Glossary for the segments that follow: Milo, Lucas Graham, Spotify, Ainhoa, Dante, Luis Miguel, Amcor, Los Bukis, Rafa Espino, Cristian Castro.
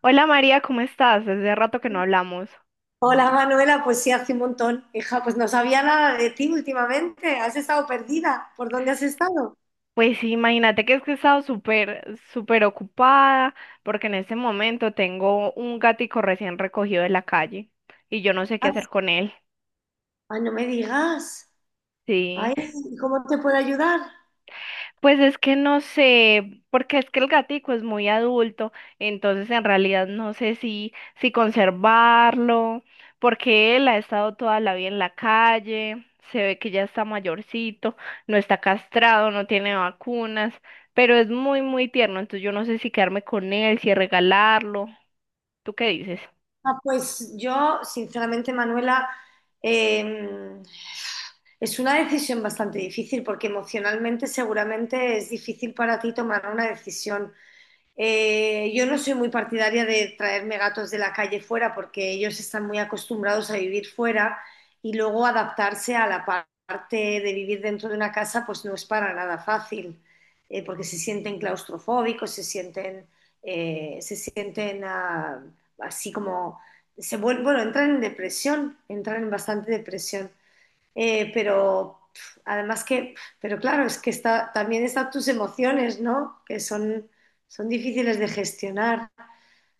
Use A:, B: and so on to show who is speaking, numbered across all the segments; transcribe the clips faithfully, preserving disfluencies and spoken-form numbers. A: Hola María, ¿cómo estás? Hace rato que no hablamos.
B: Hola Manuela, pues sí, hace un montón. Hija, pues no sabía nada de ti últimamente. Has estado perdida. ¿Por dónde has estado?
A: Pues sí, imagínate que es que he estado súper, súper ocupada porque en este momento tengo un gatico recién recogido de la calle y yo no sé qué
B: Ah,
A: hacer con él.
B: ah, no me digas.
A: Sí.
B: Ay, ¿cómo te puedo ayudar?
A: Pues es que no sé, porque es que el gatico es muy adulto, entonces en realidad no sé si, si conservarlo, porque él ha estado toda la vida en la calle, se ve que ya está mayorcito, no está castrado, no tiene vacunas, pero es muy, muy tierno, entonces yo no sé si quedarme con él, si regalarlo. ¿Tú qué dices?
B: Ah, pues yo, sinceramente, Manuela, eh, es una decisión bastante difícil porque emocionalmente seguramente es difícil para ti tomar una decisión. Eh, yo no soy muy partidaria de traerme gatos de la calle fuera porque ellos están muy acostumbrados a vivir fuera y luego adaptarse a la pa- parte de vivir dentro de una casa pues no es para nada fácil, eh, porque se sienten claustrofóbicos, se sienten, eh, se sienten ah, así como, se vuel- bueno, entran en depresión, entran en bastante depresión. Eh, pero pf, además que, pero claro, es que está, también están tus emociones, ¿no? Que son, son difíciles de gestionar.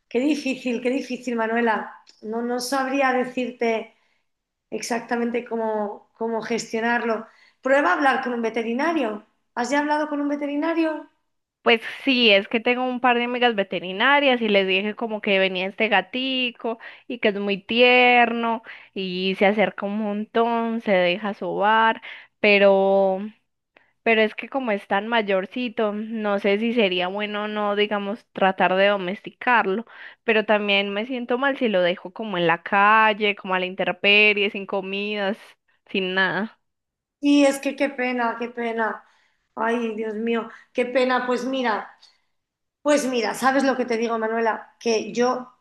B: Qué difícil, qué difícil, Manuela. No, no sabría decirte exactamente cómo, cómo gestionarlo. Prueba a hablar con un veterinario. ¿Has ya hablado con un veterinario?
A: Pues sí, es que tengo un par de amigas veterinarias y les dije como que venía este gatico y que es muy tierno y se acerca un montón, se deja sobar, pero pero es que como es tan mayorcito, no sé si sería bueno o no, digamos, tratar de domesticarlo, pero también me siento mal si lo dejo como en la calle, como a la intemperie, sin comidas, sin nada.
B: Y es que qué pena, qué pena. Ay, Dios mío, qué pena. Pues mira, pues mira, ¿sabes lo que te digo, Manuela? Que yo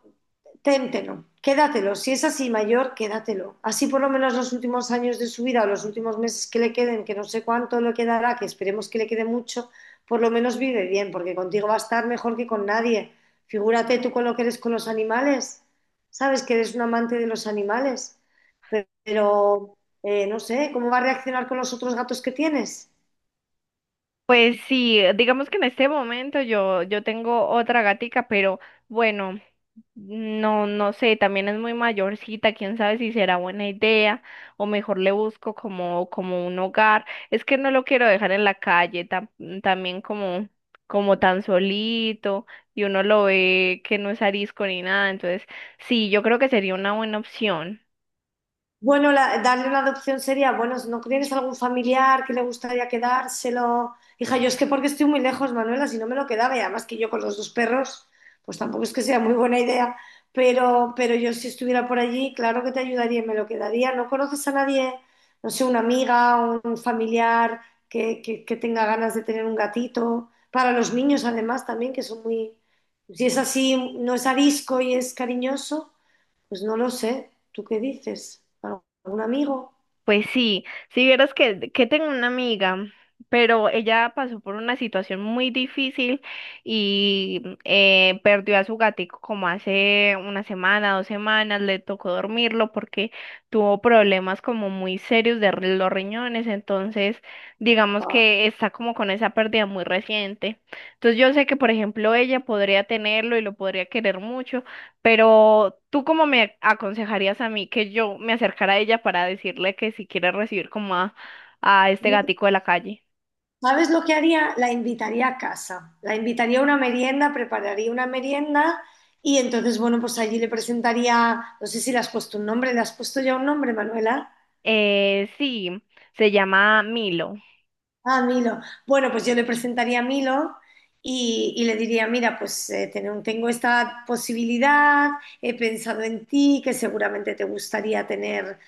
B: téntelo, quédatelo. Si es así mayor, quédatelo. Así por lo menos los últimos años de su vida o los últimos meses que le queden, que no sé cuánto le quedará, que esperemos que le quede mucho, por lo menos vive bien, porque contigo va a estar mejor que con nadie. Figúrate tú con lo que eres con los animales. Sabes que eres un amante de los animales, pero eh, no sé, ¿cómo va a reaccionar con los otros gatos que tienes?
A: Pues sí, digamos que en este momento yo yo tengo otra gatica, pero bueno, no, no sé, también es muy mayorcita, quién sabe si será buena idea o mejor le busco como, como un hogar. Es que no lo quiero dejar en la calle, tam- también como, como tan solito y uno lo ve que no es arisco ni nada. Entonces, sí, yo creo que sería una buena opción.
B: Bueno, la- darle una adopción sería, bueno, ¿no tienes algún familiar que le gustaría quedárselo? Hija, yo es que porque estoy muy lejos, Manuela, si no me lo quedaba, y además que yo con los dos perros, pues tampoco es que sea muy buena idea, pero, pero yo si estuviera por allí, claro que te ayudaría y me lo quedaría. ¿No conoces a nadie, no sé, una amiga, un familiar que, que, que tenga ganas de tener un gatito? Para los niños, además, también, que son muy... Si es así, no es arisco y es cariñoso, pues no lo sé. ¿Tú qué dices? ¿Algún amigo?
A: Pues sí, si vieras que, que tengo una amiga, pero ella pasó por una situación muy difícil y mm, eh, perdió a su gatico como hace una semana, dos semanas, le tocó dormirlo porque tuvo problemas como muy serios de re- los riñones, entonces digamos que está como con esa pérdida muy reciente. Entonces yo sé que, por ejemplo, ella podría tenerlo y lo podría querer mucho, pero tú cómo me aconsejarías a mí que yo me acercara a ella para decirle que si quiere recibir como a, a este gatico de la calle.
B: ¿Sabes lo que haría? La invitaría a casa. La invitaría a una merienda, prepararía una merienda y entonces, bueno, pues allí le presentaría, no sé si le has puesto un nombre, ¿le has puesto ya un nombre, Manuela?
A: Eh, sí, se llama Milo.
B: Ah, Milo. Bueno, pues yo le presentaría a Milo y, y le diría, mira, pues eh, ten- tengo esta posibilidad, he pensado en ti, que seguramente te gustaría tener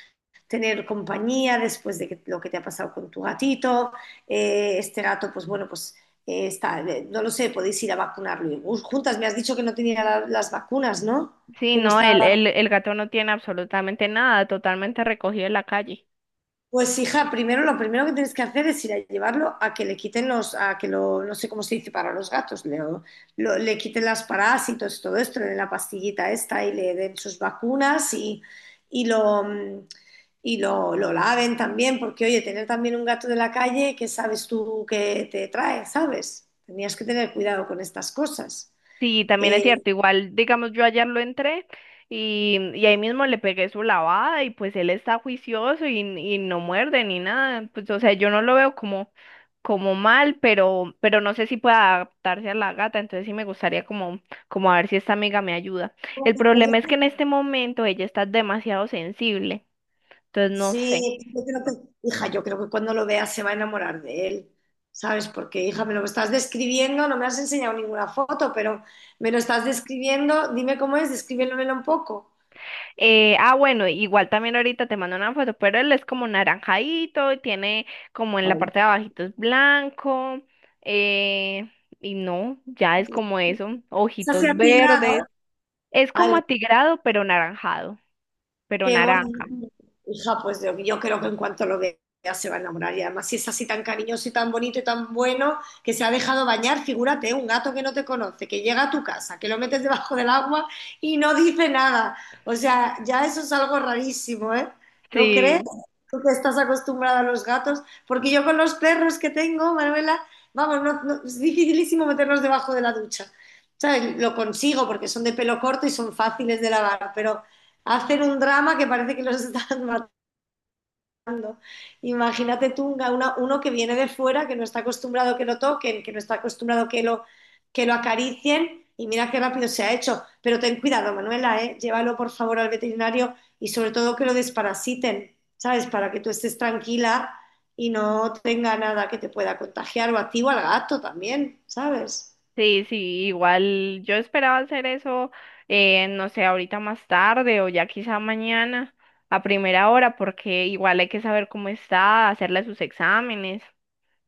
B: tener compañía después de que- lo que te ha pasado con tu gatito. Eh, este gato, pues bueno, pues eh, está, eh, no lo sé, podéis ir a vacunarlo. Y, uh, juntas, me has dicho que no tenía la- las vacunas, ¿no?
A: Sí,
B: Que no
A: no,
B: estaba.
A: el, el, el gato no tiene absolutamente nada, totalmente recogido en la calle.
B: Pues hija, primero lo primero que tienes que hacer es ir a llevarlo a que le quiten los, a que lo, no sé cómo se dice para los gatos, le, lo- le quiten las parásitos, todo esto, le den la pastillita esta y le den sus vacunas y, y lo mm, y lo, lo laven también, porque oye, tener también un gato de la calle, ¿qué sabes tú que te trae? ¿Sabes? Tenías que tener cuidado con estas cosas.
A: Sí, también es
B: Eh,
A: cierto, igual, digamos, yo ayer lo entré y, y ahí mismo le pegué su lavada y pues él está juicioso y, y no muerde ni nada. Pues, o sea, yo no lo veo como como mal, pero, pero no sé si pueda adaptarse a la gata, entonces sí me gustaría como, como a ver si esta amiga me ayuda. El problema es
B: pues,
A: que en este momento ella está demasiado sensible, entonces no sé.
B: sí, yo creo que, hija, yo creo que cuando lo vea se va a enamorar de él, ¿sabes? Porque, hija, me lo estás describiendo, no me has enseñado ninguna foto, pero me lo estás describiendo, dime cómo es, descríbemelo un poco.
A: Eh, ah, bueno, igual también ahorita te mando una foto, pero él es como naranjadito, tiene como en la
B: Ay.
A: parte de abajito es blanco, eh, y no, ya es como eso,
B: Está así
A: ojitos
B: atigrado.
A: verdes. Es como atigrado, pero naranjado, pero
B: Qué gorda.
A: naranja.
B: Hija, pues yo, yo creo que en cuanto lo vea se va a enamorar. Y además, si es así tan cariñoso y tan bonito y tan bueno, que se ha dejado bañar, figúrate, un gato que no te conoce, que llega a tu casa, que lo metes debajo del agua y no dice nada. O sea, ya eso es algo rarísimo, ¿eh? ¿No crees?
A: Sí.
B: Tú que estás acostumbrada a los gatos, porque yo con los perros que tengo, Manuela, vamos, no- no- es dificilísimo meterlos debajo de la ducha. ¿Sabes? Lo consigo porque son de pelo corto y son fáciles de lavar, pero hacer un drama que parece que los están matando. Imagínate tú un- una- uno que viene de fuera, que no está acostumbrado que lo toquen, que no está acostumbrado que lo, que lo acaricien y mira qué rápido se ha hecho. Pero ten cuidado, Manuela, ¿eh? Llévalo por favor al veterinario y sobre todo que lo desparasiten, ¿sabes? Para que tú estés tranquila y no tenga nada que te pueda contagiar o a ti o al gato también, ¿sabes?
A: Sí, sí, igual yo esperaba hacer eso, eh, no sé, ahorita más tarde o ya quizá mañana a primera hora, porque igual hay que saber cómo está, hacerle sus exámenes,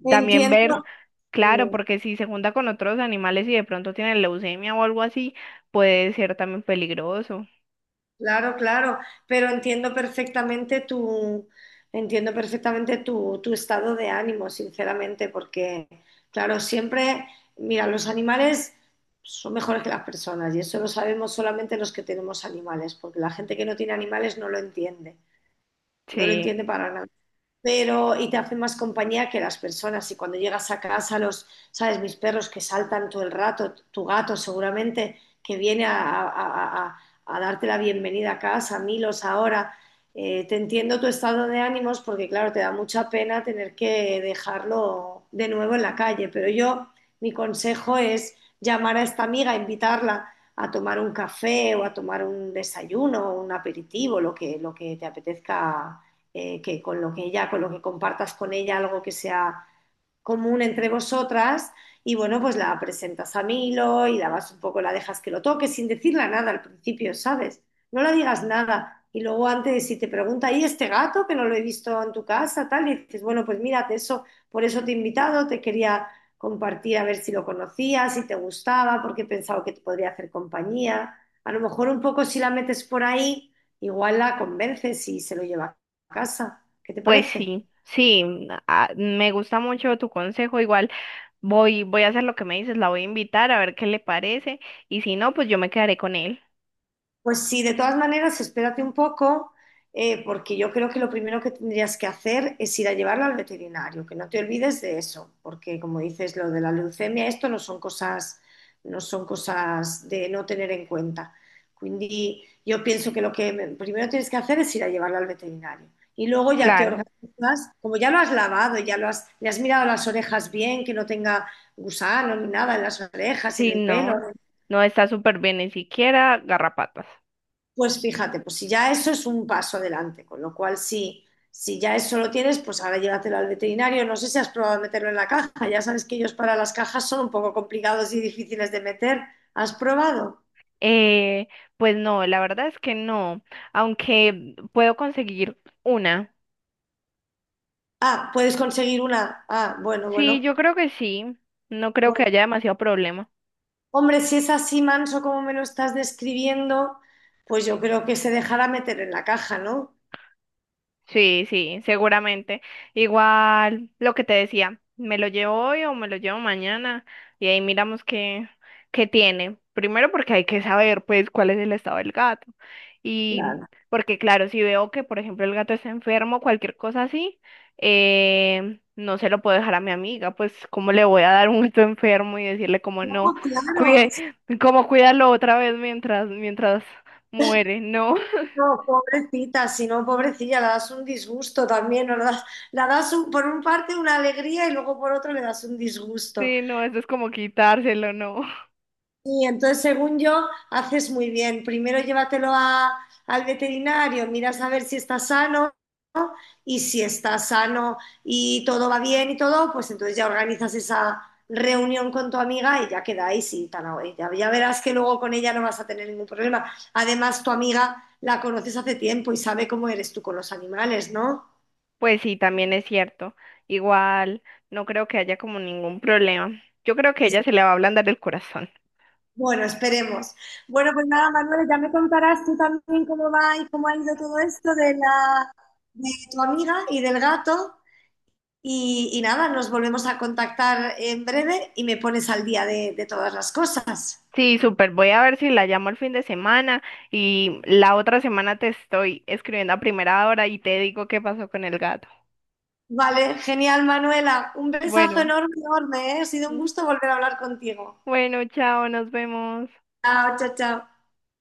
A: también
B: Entiendo.
A: ver, claro, porque si se junta con otros animales y de pronto tiene leucemia o algo así, puede ser también peligroso.
B: Claro, claro, pero entiendo perfectamente tu, entiendo perfectamente tu, tu estado de ánimo, sinceramente, porque, claro, siempre, mira, los animales son mejores que las personas y eso lo sabemos solamente los que tenemos animales, porque la gente que no tiene animales no lo entiende, no lo
A: Sí,
B: entiende para nada, pero y te hace más compañía que las personas. Y cuando llegas a casa, los, sabes, mis perros que saltan todo el rato, tu gato seguramente que viene a, a- a- a darte la bienvenida a casa, Milos ahora. Eh, te entiendo tu estado de ánimos porque, claro, te da mucha pena tener que dejarlo de nuevo en la calle, pero yo, mi consejo es llamar a esta amiga, invitarla a tomar un café o a tomar un desayuno, un aperitivo, lo que, lo que te apetezca, eh, que con lo que ella, con lo que compartas con ella algo que sea común entre vosotras y bueno, pues la presentas a Milo y la vas un poco, la dejas que lo toque sin decirle nada al principio, ¿sabes? No la digas nada. Y luego antes, si te pregunta, ¿y este gato que no lo he visto en tu casa? Tal, y dices, bueno, pues mírate eso, por eso te he invitado, te quería compartir a ver si lo conocías, si te gustaba, porque he pensado que te podría hacer compañía. A lo mejor un poco si la metes por ahí, igual la convences y se lo lleva a casa. ¿Qué te
A: pues
B: parece?
A: sí, sí, ah, me gusta mucho tu consejo, igual voy, voy a hacer lo que me dices, la voy a invitar a ver qué le parece y si no, pues yo me quedaré con él.
B: Pues sí, de todas maneras, espérate un poco, eh, porque yo creo que lo primero que tendrías que hacer es ir a llevarlo al veterinario, que no te olvides de eso, porque como dices, lo de la leucemia, esto no son cosas, no son cosas de no tener en cuenta. Quindi yo pienso que lo che primero tienes que hacer es ir a llevarlo al veterinario. Y luego ya te
A: Claro.
B: organizas, como ya lo has lavado, ya lo has, le has mirado las orejas bien, que no tenga gusano ni nada en las orejas, en
A: Sí,
B: el pelo.
A: no, no está súper bien, ni siquiera garrapatas.
B: Pues fíjate, pues si ya eso es un paso adelante, con lo cual si, si ya eso lo tienes, pues ahora llévatelo al veterinario. No sé si has probado meterlo en la caja, ya sabes que ellos para las cajas son un poco complicados y difíciles de meter. ¿Has probado?
A: Eh, pues no, la verdad es que no, aunque puedo conseguir una.
B: Ah, puedes conseguir una. Ah, bueno,
A: Sí,
B: bueno.
A: yo creo que sí, no creo que
B: Bueno,
A: haya demasiado problema.
B: hombre, si es así manso como me lo estás describiendo, pues yo creo que se dejará meter en la caja, ¿no?
A: Sí, sí, seguramente. Igual lo que te decía, me lo llevo hoy o me lo llevo mañana y ahí miramos qué, qué tiene. Primero porque hay que saber pues cuál es el estado del gato. Y
B: Claro.
A: porque claro, si veo que por ejemplo el gato está enfermo, cualquier cosa así, eh, no se lo puedo dejar a mi amiga, pues cómo le voy a dar un gato enfermo y decirle como
B: No,
A: no,
B: claro,
A: cuide, como cuídalo otra vez mientras, mientras muere, no.
B: no, pobrecita, si no, pobrecilla, le das un disgusto también, ¿no? Le das, la das un- por un parte una alegría y luego por otro le das un disgusto.
A: Sí, no, eso es como quitárselo, no.
B: Y entonces, según yo, haces muy bien. Primero llévatelo a- al veterinario, miras a ver si está sano y si está sano y todo va bien y todo, pues entonces ya organizas esa reunión con tu amiga y ya quedáis y tan away. Ya, ya verás que luego con ella no vas a tener ningún problema. Además, tu amiga la conoces hace tiempo y sabe cómo eres tú con los animales, ¿no?
A: Pues sí, también es cierto. Igual, no creo que haya como ningún problema. Yo creo que
B: Es-
A: ella se le va a ablandar el corazón.
B: bueno, esperemos. Bueno, pues nada, Manuel, ya me contarás tú también cómo va y cómo ha ido todo esto de la de tu amiga y del gato. Y, y nada, nos volvemos a contactar en breve y me pones al día de, de todas las cosas.
A: Sí, súper. Voy a ver si la llamo el fin de semana y la otra semana te estoy escribiendo a primera hora y te digo qué pasó con el gato.
B: Vale, genial, Manuela. Un besazo
A: Bueno,
B: enorme, enorme, ¿eh? Ha sido un gusto volver a hablar contigo.
A: bueno, chao, nos vemos.
B: Chao, chao, chao.